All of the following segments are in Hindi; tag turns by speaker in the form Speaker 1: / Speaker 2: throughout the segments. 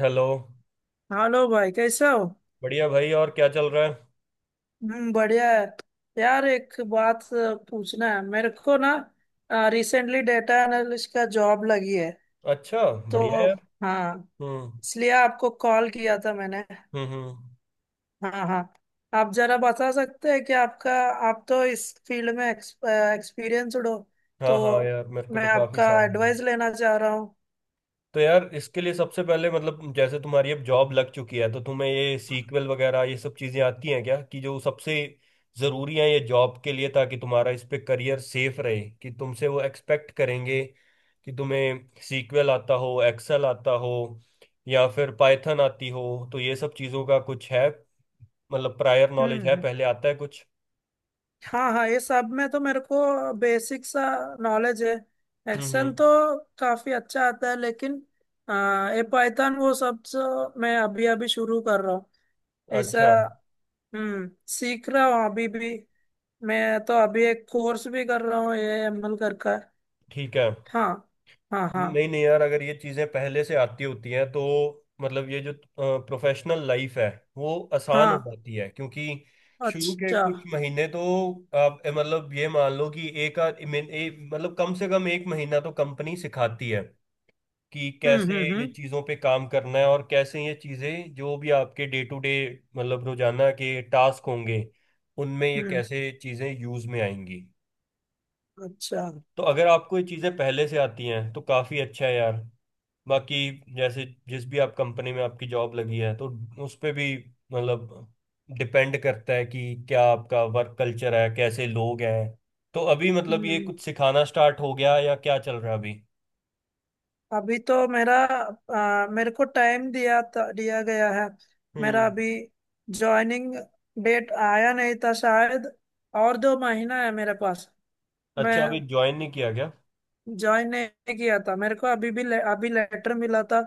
Speaker 1: हेलो।
Speaker 2: हेलो भाई, कैसे हो?
Speaker 1: बढ़िया भाई, और क्या चल रहा है?
Speaker 2: हम्म, बढ़िया है। यार, एक बात पूछना है मेरे को ना। रिसेंटली डेटा एनालिस्ट का जॉब लगी है।
Speaker 1: अच्छा।
Speaker 2: तो
Speaker 1: बढ़िया यार।
Speaker 2: हाँ,
Speaker 1: हम्म,
Speaker 2: इसलिए आपको कॉल किया था मैंने।
Speaker 1: हम्म, हम्म।
Speaker 2: हाँ हाँ, आप जरा बता सकते हैं कि आपका, आप तो इस फील्ड में एक्सपीरियंसड हो,
Speaker 1: हाँ हाँ
Speaker 2: तो
Speaker 1: यार, मेरे को
Speaker 2: मैं
Speaker 1: तो काफी
Speaker 2: आपका
Speaker 1: साल हो गए।
Speaker 2: एडवाइस लेना चाह रहा हूँ।
Speaker 1: तो यार इसके लिए सबसे पहले मतलब जैसे तुम्हारी अब जॉब लग चुकी है, तो तुम्हें ये सीक्वल वगैरह ये सब चीजें आती हैं क्या, कि जो सबसे जरूरी है ये जॉब के लिए, ताकि तुम्हारा इस पे करियर सेफ रहे? कि तुमसे वो एक्सपेक्ट करेंगे कि तुम्हें सीक्वल आता हो, एक्सेल आता हो, या फिर पाइथन आती हो? तो ये सब चीजों का कुछ है, मतलब प्रायर नॉलेज है,
Speaker 2: हम्म,
Speaker 1: पहले आता है कुछ?
Speaker 2: हाँ हाँ, ये सब में तो मेरे को बेसिक सा नॉलेज है।
Speaker 1: हम्म,
Speaker 2: एक्सेल
Speaker 1: हम्म।
Speaker 2: तो काफी अच्छा आता है, लेकिन ये पाइथन वो सब तो मैं अभी अभी शुरू कर रहा हूँ। ऐसा।
Speaker 1: अच्छा।
Speaker 2: सीख रहा हूँ अभी भी। मैं तो अभी एक कोर्स भी कर रहा हूँ, ये एमएल कर का।
Speaker 1: ठीक है।
Speaker 2: हाँ हाँ, हाँ
Speaker 1: नहीं नहीं यार, अगर ये चीज़ें पहले से आती होती हैं तो मतलब ये जो प्रोफेशनल लाइफ है, वो आसान हो
Speaker 2: हाँ,
Speaker 1: जाती है, क्योंकि शुरू के
Speaker 2: अच्छा।
Speaker 1: कुछ महीने तो आप मतलब ये मान लो कि एक आध मतलब कम से कम 1 महीना तो कंपनी सिखाती है कि
Speaker 2: हम्म
Speaker 1: कैसे
Speaker 2: हम्म
Speaker 1: ये
Speaker 2: हम्म
Speaker 1: चीज़ों पे काम करना है, और कैसे ये चीज़ें जो भी आपके डे टू डे मतलब रोजाना के टास्क होंगे, उनमें ये
Speaker 2: हम्म,
Speaker 1: कैसे चीज़ें यूज़ में आएंगी।
Speaker 2: अच्छा।
Speaker 1: तो अगर आपको ये चीज़ें पहले से आती हैं तो काफ़ी अच्छा है यार। बाकी जैसे जिस भी आप कंपनी में आपकी जॉब लगी है, तो उस पे भी मतलब डिपेंड करता है कि क्या आपका वर्क कल्चर है, कैसे लोग हैं। तो अभी मतलब ये
Speaker 2: हम्म।
Speaker 1: कुछ सिखाना स्टार्ट हो गया, या क्या चल रहा है अभी?
Speaker 2: अभी तो मेरा, मेरे को टाइम दिया था, दिया गया है। मेरा
Speaker 1: हम्म।
Speaker 2: अभी जॉइनिंग डेट आया नहीं था शायद। और 2 महीना है मेरे पास। मैं
Speaker 1: अच्छा, अभी ज्वाइन नहीं किया गया।
Speaker 2: ज्वाइन नहीं किया था, मेरे को अभी भी अभी लेटर मिला था।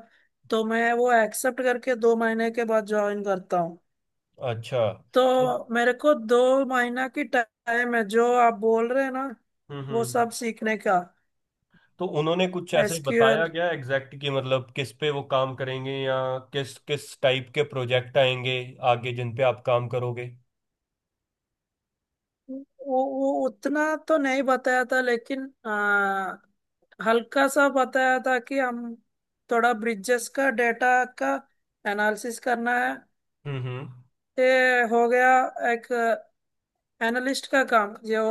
Speaker 2: तो मैं वो एक्सेप्ट करके 2 महीने के बाद ज्वाइन करता हूँ।
Speaker 1: अच्छा। तो
Speaker 2: तो मेरे को 2 महीना की टाइम है, जो आप बोल रहे हैं ना,
Speaker 1: हम्म,
Speaker 2: वो सब सीखने का।
Speaker 1: तो उन्होंने कुछ ऐसे
Speaker 2: एसक्यूएल।
Speaker 1: बताया क्या एग्जैक्ट, कि मतलब किस पे वो काम करेंगे, या किस किस टाइप के प्रोजेक्ट आएंगे आगे जिन पे आप काम करोगे?
Speaker 2: वो उतना तो नहीं बताया था, लेकिन हल्का सा बताया था कि हम थोड़ा ब्रिजेस का डेटा का एनालिसिस करना है।
Speaker 1: हम्म, हम्म।
Speaker 2: ये हो गया, एक एनालिस्ट का काम जो,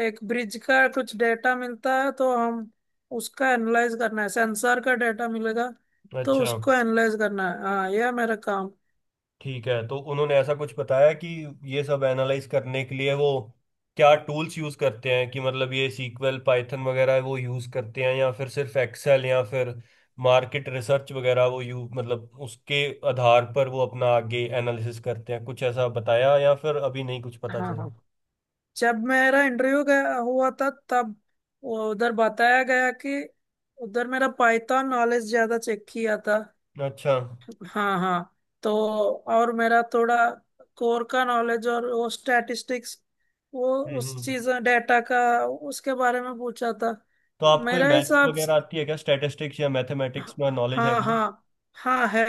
Speaker 2: एक ब्रिज का कुछ डेटा मिलता है तो हम उसका एनालाइज करना है, सेंसर का डेटा मिलेगा, तो
Speaker 1: अच्छा।
Speaker 2: उसको एनालाइज करना है। हाँ, यह मेरा काम।
Speaker 1: ठीक है, तो उन्होंने ऐसा कुछ बताया कि ये सब एनालाइज करने के लिए वो क्या टूल्स यूज करते हैं, कि मतलब ये सीक्वल पाइथन वगैरह वो यूज करते हैं, या फिर सिर्फ एक्सेल, या फिर मार्केट रिसर्च वगैरह वो यू मतलब उसके आधार पर वो अपना आगे एनालिसिस करते हैं, कुछ ऐसा बताया, या फिर अभी नहीं कुछ पता
Speaker 2: हाँ
Speaker 1: चला?
Speaker 2: हाँ, जब मेरा इंटरव्यू गया हुआ था, तब वो उधर बताया गया कि उधर मेरा पाइथन नॉलेज ज्यादा चेक किया था।
Speaker 1: अच्छा। हम्म,
Speaker 2: हाँ हाँ। तो और मेरा थोड़ा कोर का नॉलेज, और वो स्टैटिस्टिक्स, वो उस
Speaker 1: हम्म।
Speaker 2: चीज डेटा का, उसके बारे में पूछा था।
Speaker 1: तो आपको ये
Speaker 2: मेरा
Speaker 1: मैथ्स
Speaker 2: हिसाब
Speaker 1: वगैरह
Speaker 2: से,
Speaker 1: आती है क्या, स्टैटिस्टिक्स या मैथमेटिक्स में नॉलेज है
Speaker 2: हाँ
Speaker 1: क्या?
Speaker 2: हाँ, हाँ है।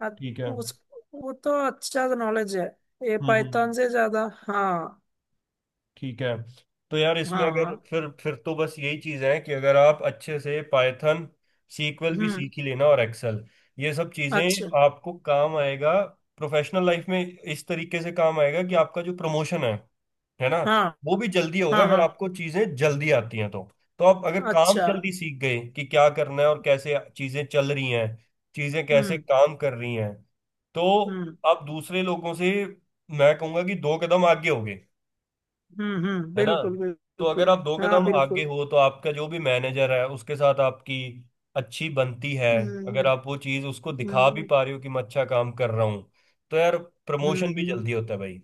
Speaker 2: अ-
Speaker 1: ठीक है। हम्म,
Speaker 2: उस, वो तो अच्छा नॉलेज है, ये
Speaker 1: हम्म।
Speaker 2: पाइथन से ज्यादा। हाँ।
Speaker 1: ठीक है। तो यार इसमें
Speaker 2: हाँ हाँ,
Speaker 1: अगर फिर तो बस यही चीज़ है कि अगर आप अच्छे से पाइथन सीक्वल भी
Speaker 2: हम्म,
Speaker 1: सीख ही लेना, और एक्सेल, ये सब
Speaker 2: अच्छा।
Speaker 1: चीज़ें आपको काम आएगा। प्रोफेशनल लाइफ में इस तरीके से काम आएगा कि आपका जो प्रमोशन है ना,
Speaker 2: हाँ
Speaker 1: वो भी
Speaker 2: हाँ
Speaker 1: जल्दी होगा अगर
Speaker 2: हाँ,
Speaker 1: आपको चीज़ें जल्दी आती हैं तो। तो आप अगर काम
Speaker 2: अच्छा।
Speaker 1: जल्दी सीख गए कि क्या करना है और कैसे चीज़ें चल रही हैं, चीज़ें कैसे
Speaker 2: हम्म
Speaker 1: काम कर रही हैं, तो
Speaker 2: हम्म
Speaker 1: आप दूसरे लोगों से, मैं कहूँगा कि दो कदम आगे होगे।
Speaker 2: हम्म,
Speaker 1: है ना?
Speaker 2: बिल्कुल
Speaker 1: तो अगर
Speaker 2: बिल्कुल।
Speaker 1: आप दो
Speaker 2: हाँ,
Speaker 1: कदम, हाँ, आगे
Speaker 2: बिल्कुल।
Speaker 1: हो तो आपका जो भी मैनेजर है उसके साथ आपकी अच्छी बनती है। अगर
Speaker 2: हम्म
Speaker 1: आप वो चीज़ उसको दिखा भी
Speaker 2: हम्म
Speaker 1: पा रहे हो कि मैं अच्छा काम कर रहा हूँ, तो यार
Speaker 2: हम्म
Speaker 1: प्रमोशन भी
Speaker 2: हम्म
Speaker 1: जल्दी होता है भाई।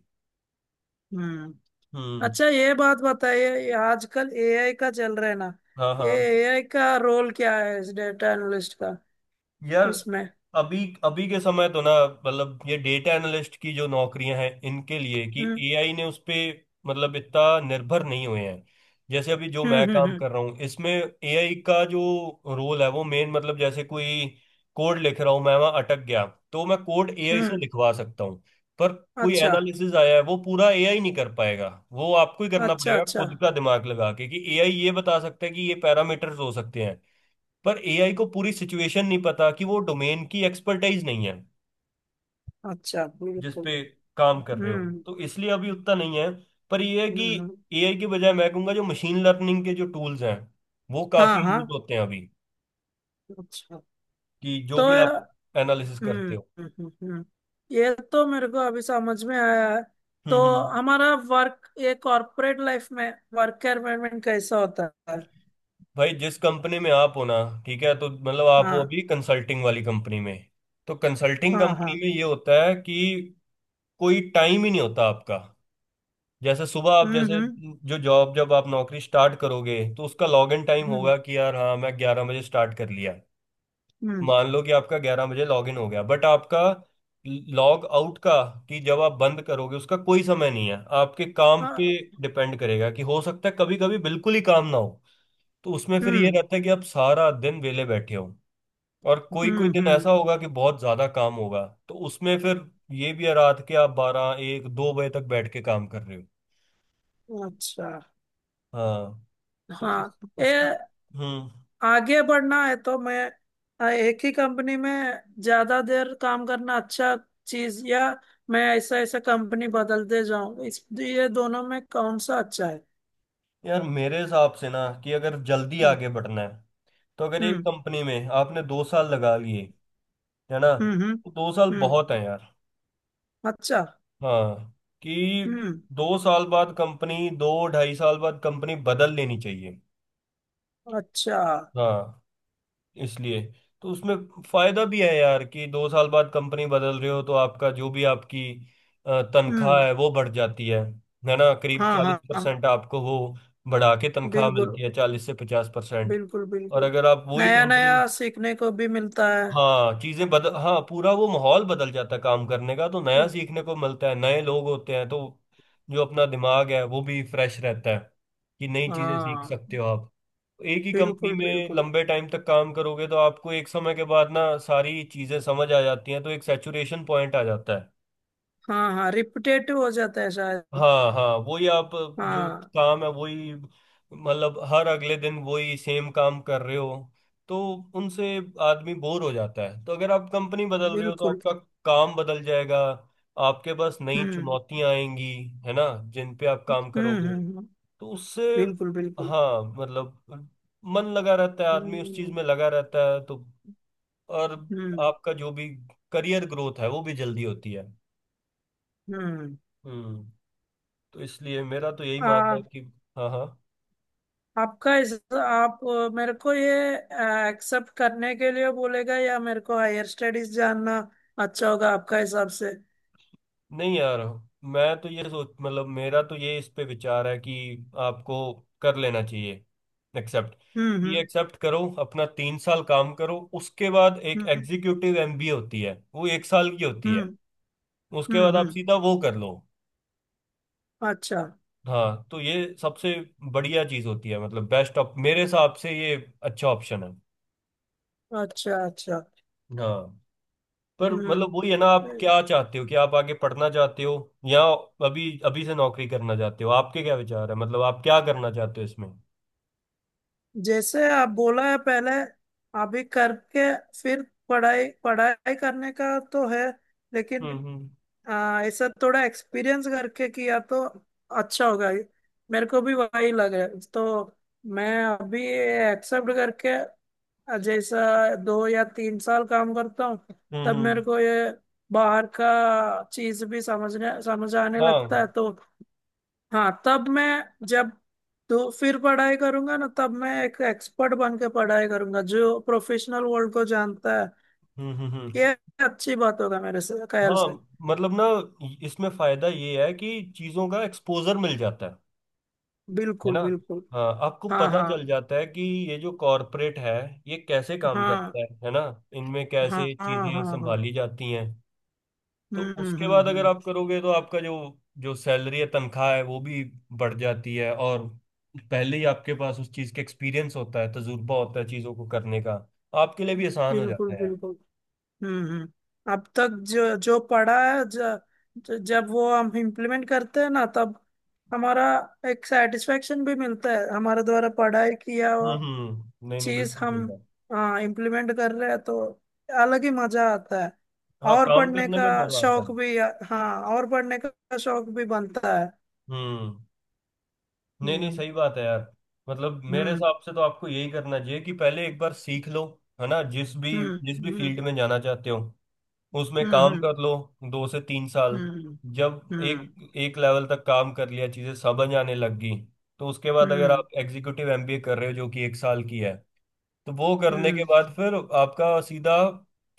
Speaker 2: हम्म।
Speaker 1: हम्म।
Speaker 2: अच्छा, ये बात बताइए, ये आजकल एआई का चल रहा है ना।
Speaker 1: हाँ
Speaker 2: ये
Speaker 1: हाँ
Speaker 2: एआई का रोल क्या है इस डेटा एनालिस्ट का,
Speaker 1: यार।
Speaker 2: इसमें?
Speaker 1: अभी, अभी के समय तो ना मतलब ये डेटा एनालिस्ट की जो नौकरियां हैं, इनके लिए कि
Speaker 2: हम्म
Speaker 1: एआई ने उस पे मतलब इतना निर्भर नहीं हुए हैं। जैसे अभी जो
Speaker 2: हम्म
Speaker 1: मैं
Speaker 2: हम्म
Speaker 1: काम
Speaker 2: हम्म
Speaker 1: कर रहा हूँ, इसमें एआई का जो रोल है वो मेन मतलब जैसे कोई कोड लिख रहा हूँ, मैं वहां अटक गया, तो मैं कोड एआई से
Speaker 2: हम्म।
Speaker 1: लिखवा सकता हूँ। पर कोई
Speaker 2: अच्छा
Speaker 1: एनालिसिस आया है वो पूरा एआई नहीं कर पाएगा। वो आपको ही करना
Speaker 2: अच्छा,
Speaker 1: पड़ेगा
Speaker 2: अच्छा
Speaker 1: खुद का दिमाग लगा के, कि एआई ये बता सकता है कि ये पैरामीटर्स हो सकते हैं, पर एआई को पूरी सिचुएशन नहीं पता, कि वो डोमेन की एक्सपर्टाइज नहीं है
Speaker 2: अच्छा,
Speaker 1: जिस
Speaker 2: बिल्कुल।
Speaker 1: पे काम कर रहे हो।
Speaker 2: हम्म
Speaker 1: तो इसलिए अभी उतना नहीं है। पर ये है
Speaker 2: हम्म
Speaker 1: कि
Speaker 2: हम्म।
Speaker 1: एआई के बजाय मैं कहूंगा जो मशीन लर्निंग के जो टूल्स हैं वो
Speaker 2: हाँ
Speaker 1: काफी
Speaker 2: हाँ,
Speaker 1: यूज होते हैं अभी,
Speaker 2: अच्छा।
Speaker 1: कि जो
Speaker 2: तो
Speaker 1: भी आप
Speaker 2: हम्म
Speaker 1: एनालिसिस करते हो।
Speaker 2: हम्म, हम्म, हम्म। ये तो मेरे को अभी समझ में आया है। तो
Speaker 1: हम्म,
Speaker 2: हमारा वर्क, ये कॉर्पोरेट लाइफ में वर्क एनवायरमेंट कैसा होता है?
Speaker 1: भाई, जिस कंपनी में आप हो ना, ठीक है, तो मतलब आप हो
Speaker 2: हाँ
Speaker 1: अभी कंसल्टिंग वाली कंपनी में। तो कंसल्टिंग
Speaker 2: हाँ
Speaker 1: कंपनी
Speaker 2: हाँ।
Speaker 1: में ये होता है कि कोई टाइम ही नहीं होता आपका। जैसे सुबह आप
Speaker 2: हम्म
Speaker 1: जैसे,
Speaker 2: हम्म
Speaker 1: जो जॉब जब आप नौकरी स्टार्ट करोगे तो उसका लॉग इन टाइम
Speaker 2: हम्म
Speaker 1: होगा कि यार हाँ मैं 11 बजे स्टार्ट कर लिया।
Speaker 2: हम्म,
Speaker 1: मान लो कि आपका 11 बजे लॉग इन हो गया, बट आपका लॉग आउट का, कि जब आप बंद करोगे उसका कोई समय नहीं है, आपके काम पे
Speaker 2: हाँ,
Speaker 1: डिपेंड करेगा। कि हो सकता है कभी कभी बिल्कुल ही काम ना हो, तो उसमें फिर ये
Speaker 2: हम्म
Speaker 1: रहता है कि आप सारा दिन वेले बैठे हो। और कोई कोई
Speaker 2: हम्म
Speaker 1: दिन
Speaker 2: हम्म,
Speaker 1: ऐसा होगा कि बहुत ज्यादा काम होगा, तो उसमें फिर ये भी है रात के आप 12, 1, 2 बजे तक बैठ के काम कर रहे हो।
Speaker 2: अच्छा।
Speaker 1: हाँ। तो इस,
Speaker 2: हाँ,
Speaker 1: इसका,
Speaker 2: ये
Speaker 1: हम्म।
Speaker 2: आगे बढ़ना है तो मैं, एक ही कंपनी में ज्यादा देर काम करना अच्छा चीज, या मैं ऐसा ऐसा कंपनी बदलते जाऊं, इस ये दोनों में कौन सा अच्छा है?
Speaker 1: यार मेरे हिसाब से ना कि अगर जल्दी
Speaker 2: हम्म
Speaker 1: आगे बढ़ना है, तो अगर एक
Speaker 2: हम्म।
Speaker 1: कंपनी में आपने 2 साल लगा लिए, है ना,
Speaker 2: हम्म हम्म
Speaker 1: तो 2 साल
Speaker 2: हम्म,
Speaker 1: बहुत है यार।
Speaker 2: अच्छा।
Speaker 1: हाँ, कि
Speaker 2: हम्म,
Speaker 1: 2 साल बाद कंपनी, 2, 2.5 साल बाद कंपनी बदल लेनी चाहिए।
Speaker 2: अच्छा।
Speaker 1: हाँ। इसलिए, तो उसमें फायदा भी है यार, कि 2 साल बाद कंपनी बदल रहे हो तो आपका जो भी आपकी तनख्वाह
Speaker 2: हम्म,
Speaker 1: है वो बढ़ जाती है। है ना? करीब
Speaker 2: हाँ
Speaker 1: चालीस
Speaker 2: हाँ हाँ,
Speaker 1: परसेंट आपको वो बढ़ा के तनख्वाह
Speaker 2: बिल्कुल
Speaker 1: मिलती है, 40 से 50%।
Speaker 2: बिल्कुल
Speaker 1: और
Speaker 2: बिल्कुल।
Speaker 1: अगर आप वही
Speaker 2: नया
Speaker 1: कंपनी,
Speaker 2: नया सीखने को भी मिलता है।
Speaker 1: हाँ पूरा वो माहौल बदल जाता है काम करने का, तो नया
Speaker 2: हम्म,
Speaker 1: सीखने को मिलता है, नए लोग होते हैं, तो जो अपना दिमाग है वो भी फ्रेश रहता है, कि नई चीजें सीख सकते
Speaker 2: हाँ
Speaker 1: हो आप। एक ही कंपनी
Speaker 2: बिल्कुल
Speaker 1: में
Speaker 2: बिल्कुल।
Speaker 1: लंबे टाइम तक काम करोगे तो आपको एक समय के बाद ना सारी चीजें समझ आ जाती हैं, तो एक सैचुरेशन पॉइंट आ जाता है।
Speaker 2: हाँ हाँ, रिपीटेटिव हो जाता है शायद।
Speaker 1: हाँ हाँ, वही आप जो
Speaker 2: हाँ,
Speaker 1: काम है वही मतलब हर अगले दिन वही सेम काम कर रहे हो, तो उनसे आदमी बोर हो जाता है। तो अगर आप कंपनी बदल रहे हो तो
Speaker 2: बिल्कुल।
Speaker 1: आपका काम बदल जाएगा, आपके पास नई
Speaker 2: हम्म
Speaker 1: चुनौतियां आएंगी, है ना, जिन पे आप काम
Speaker 2: हम्म हम्म
Speaker 1: करोगे।
Speaker 2: हम्म,
Speaker 1: तो उससे,
Speaker 2: बिल्कुल बिल्कुल।
Speaker 1: हाँ, मतलब मन लगा रहता है, आदमी उस चीज
Speaker 2: हम्म
Speaker 1: में लगा रहता है, तो और
Speaker 2: हम्म
Speaker 1: आपका जो भी करियर ग्रोथ है वो भी जल्दी होती है।
Speaker 2: हम्म।
Speaker 1: हम्म। तो इसलिए मेरा तो यही मानना है कि, हाँ हाँ,
Speaker 2: आपका इस, आप मेरे को ये एक्सेप्ट करने के लिए बोलेगा, या मेरे को हायर स्टडीज जानना अच्छा होगा आपका हिसाब से?
Speaker 1: नहीं यार, मैं तो ये सोच मतलब मेरा तो ये इस पे विचार है कि आपको कर लेना चाहिए एक्सेप्ट।
Speaker 2: हम्म
Speaker 1: कि
Speaker 2: हम्म
Speaker 1: एक्सेप्ट करो अपना 3 साल काम करो, उसके बाद एक
Speaker 2: हम्म
Speaker 1: एग्जीक्यूटिव एमबीए होती है वो 1 साल की होती
Speaker 2: हम्म
Speaker 1: है, उसके
Speaker 2: हम्म
Speaker 1: बाद आप
Speaker 2: हम्म,
Speaker 1: सीधा वो कर लो।
Speaker 2: अच्छा
Speaker 1: हाँ। तो ये सबसे बढ़िया चीज होती है, मतलब बेस्ट ऑप, मेरे हिसाब से ये अच्छा ऑप्शन है।
Speaker 2: अच्छा। अच्छा।
Speaker 1: हाँ। पर
Speaker 2: हम्म।
Speaker 1: मतलब वही है ना, आप क्या चाहते हो कि आप आगे पढ़ना चाहते हो, या अभी अभी से नौकरी करना चाहते हो? आपके क्या विचार है, मतलब आप क्या करना चाहते हो इसमें?
Speaker 2: जैसे आप बोला है, पहले अभी करके, फिर पढ़ाई पढ़ाई करने का तो है, लेकिन
Speaker 1: हम्म, हम्म,
Speaker 2: हाँ, ऐसा थोड़ा एक्सपीरियंस करके किया तो अच्छा होगा। मेरे को भी वही लग रहा है, तो मैं अभी एक्सेप्ट करके, जैसा 2 या 3 साल काम करता हूँ,
Speaker 1: हम्म,
Speaker 2: तब मेरे को ये बाहर का चीज भी समझ आने
Speaker 1: हाँ,
Speaker 2: लगता है तो। हाँ, तब मैं, जब तो फिर पढ़ाई करूंगा ना, तब मैं एक एक्सपर्ट बन के पढ़ाई करूंगा, जो प्रोफेशनल वर्ल्ड को जानता है।
Speaker 1: हम्म, हम्म, हम्म।
Speaker 2: ये अच्छी बात होगा मेरे से ख्याल
Speaker 1: हाँ
Speaker 2: से।
Speaker 1: मतलब ना, इसमें फायदा ये है कि चीजों का एक्सपोजर मिल जाता है। है
Speaker 2: बिल्कुल
Speaker 1: ना?
Speaker 2: बिल्कुल।
Speaker 1: हाँ, आपको
Speaker 2: हाँ
Speaker 1: पता चल
Speaker 2: हाँ
Speaker 1: जाता है कि ये जो कॉरपोरेट है, ये कैसे काम
Speaker 2: हाँ
Speaker 1: करता है ना, इनमें
Speaker 2: हाँ
Speaker 1: कैसे
Speaker 2: हाँ
Speaker 1: चीजें
Speaker 2: हाँ हाँ।
Speaker 1: संभाली जाती हैं। तो उसके बाद अगर
Speaker 2: हम्म,
Speaker 1: आप करोगे तो आपका जो जो सैलरी है, तनख्वाह है, वो भी बढ़ जाती है। और पहले ही आपके पास उस चीज़ का एक्सपीरियंस होता है, तजुर्बा होता है चीज़ों को करने का, तो आपके लिए भी आसान हो
Speaker 2: बिल्कुल
Speaker 1: जाता है यार।
Speaker 2: बिल्कुल। हम्म, अब तक जो जो पढ़ा है, ज, ज, जब वो हम इम्प्लीमेंट करते हैं ना, तब हमारा एक सेटिस्फेक्शन भी मिलता है, हमारे द्वारा पढ़ाई किया
Speaker 1: हम्म,
Speaker 2: हुआ
Speaker 1: हम्म, नहीं नहीं
Speaker 2: चीज
Speaker 1: बिल्कुल सही
Speaker 2: हम,
Speaker 1: बात।
Speaker 2: हाँ, इम्प्लीमेंट कर रहे हैं तो अलग ही मजा आता है।
Speaker 1: हाँ,
Speaker 2: और
Speaker 1: काम
Speaker 2: पढ़ने
Speaker 1: करने
Speaker 2: का
Speaker 1: में मजा आता
Speaker 2: शौक
Speaker 1: है।
Speaker 2: भी, हाँ, और पढ़ने का शौक भी बनता है।
Speaker 1: हम्म। नहीं नहीं
Speaker 2: हम्म
Speaker 1: सही बात है यार। मतलब मेरे
Speaker 2: हम्म
Speaker 1: हिसाब से तो आपको यही करना चाहिए कि पहले एक बार सीख लो। है ना? जिस भी,
Speaker 2: हम्म
Speaker 1: जिस भी
Speaker 2: हम्म
Speaker 1: फील्ड में जाना चाहते हो उसमें
Speaker 2: हम्म
Speaker 1: काम
Speaker 2: हम्म
Speaker 1: कर लो 2 से 3 साल।
Speaker 2: हम्म
Speaker 1: जब
Speaker 2: हम्म।
Speaker 1: एक एक लेवल तक काम कर लिया, चीज़ें समझ आने लग गई, तो उसके बाद अगर
Speaker 2: हम्म
Speaker 1: आप एग्जीक्यूटिव एमबीए कर रहे हो जो कि 1 साल की है, तो वो करने के
Speaker 2: हम्म
Speaker 1: बाद फिर आपका सीधा,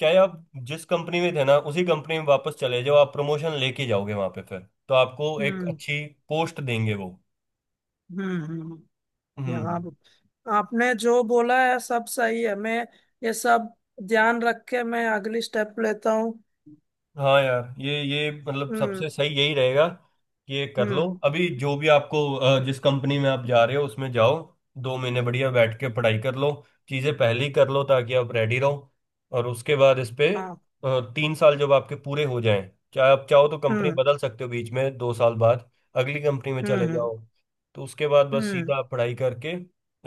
Speaker 1: चाहे आप जिस कंपनी में थे ना, उसी कंपनी में वापस चले जाओ, आप प्रमोशन लेके जाओगे वहां पे फिर, तो आपको एक
Speaker 2: हम्म
Speaker 1: अच्छी पोस्ट देंगे वो।
Speaker 2: हम्म हम्म।
Speaker 1: हम्म।
Speaker 2: यहाँ पे, आपने जो बोला है सब सही है। मैं ये सब ध्यान रख के मैं अगली स्टेप लेता हूँ।
Speaker 1: हाँ यार, ये मतलब
Speaker 2: हम्म
Speaker 1: सबसे सही यही रहेगा कि ये कर लो
Speaker 2: हम्म,
Speaker 1: अभी, जो भी आपको जिस कंपनी में आप जा रहे हो उसमें जाओ। 2 महीने बढ़िया बैठ के पढ़ाई कर लो, चीज़ें पहले ही कर लो ताकि आप रेडी रहो। और उसके बाद इस पे
Speaker 2: हाँ,
Speaker 1: 3 साल जब आपके पूरे हो जाएं, चाहे आप चाहो तो कंपनी
Speaker 2: हम्म
Speaker 1: बदल सकते हो बीच में 2 साल बाद, अगली कंपनी में
Speaker 2: हम्म
Speaker 1: चले
Speaker 2: हम्म
Speaker 1: जाओ। तो उसके बाद बस
Speaker 2: हम्म
Speaker 1: सीधा आप पढ़ाई करके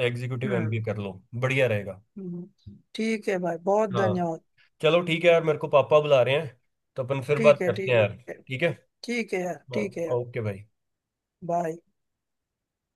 Speaker 1: एग्जीक्यूटिव
Speaker 2: हम्म
Speaker 1: एमबीए कर लो, बढ़िया रहेगा।
Speaker 2: ठीक है भाई, बहुत
Speaker 1: हाँ।
Speaker 2: धन्यवाद।
Speaker 1: चलो ठीक है यार, मेरे को पापा बुला रहे हैं, तो अपन फिर
Speaker 2: ठीक
Speaker 1: बात
Speaker 2: है,
Speaker 1: करते हैं
Speaker 2: ठीक
Speaker 1: यार।
Speaker 2: है।
Speaker 1: ठीक है।
Speaker 2: ठीक है यार,
Speaker 1: हाँ।
Speaker 2: ठीक है यार।
Speaker 1: ओके भाई।
Speaker 2: बाय।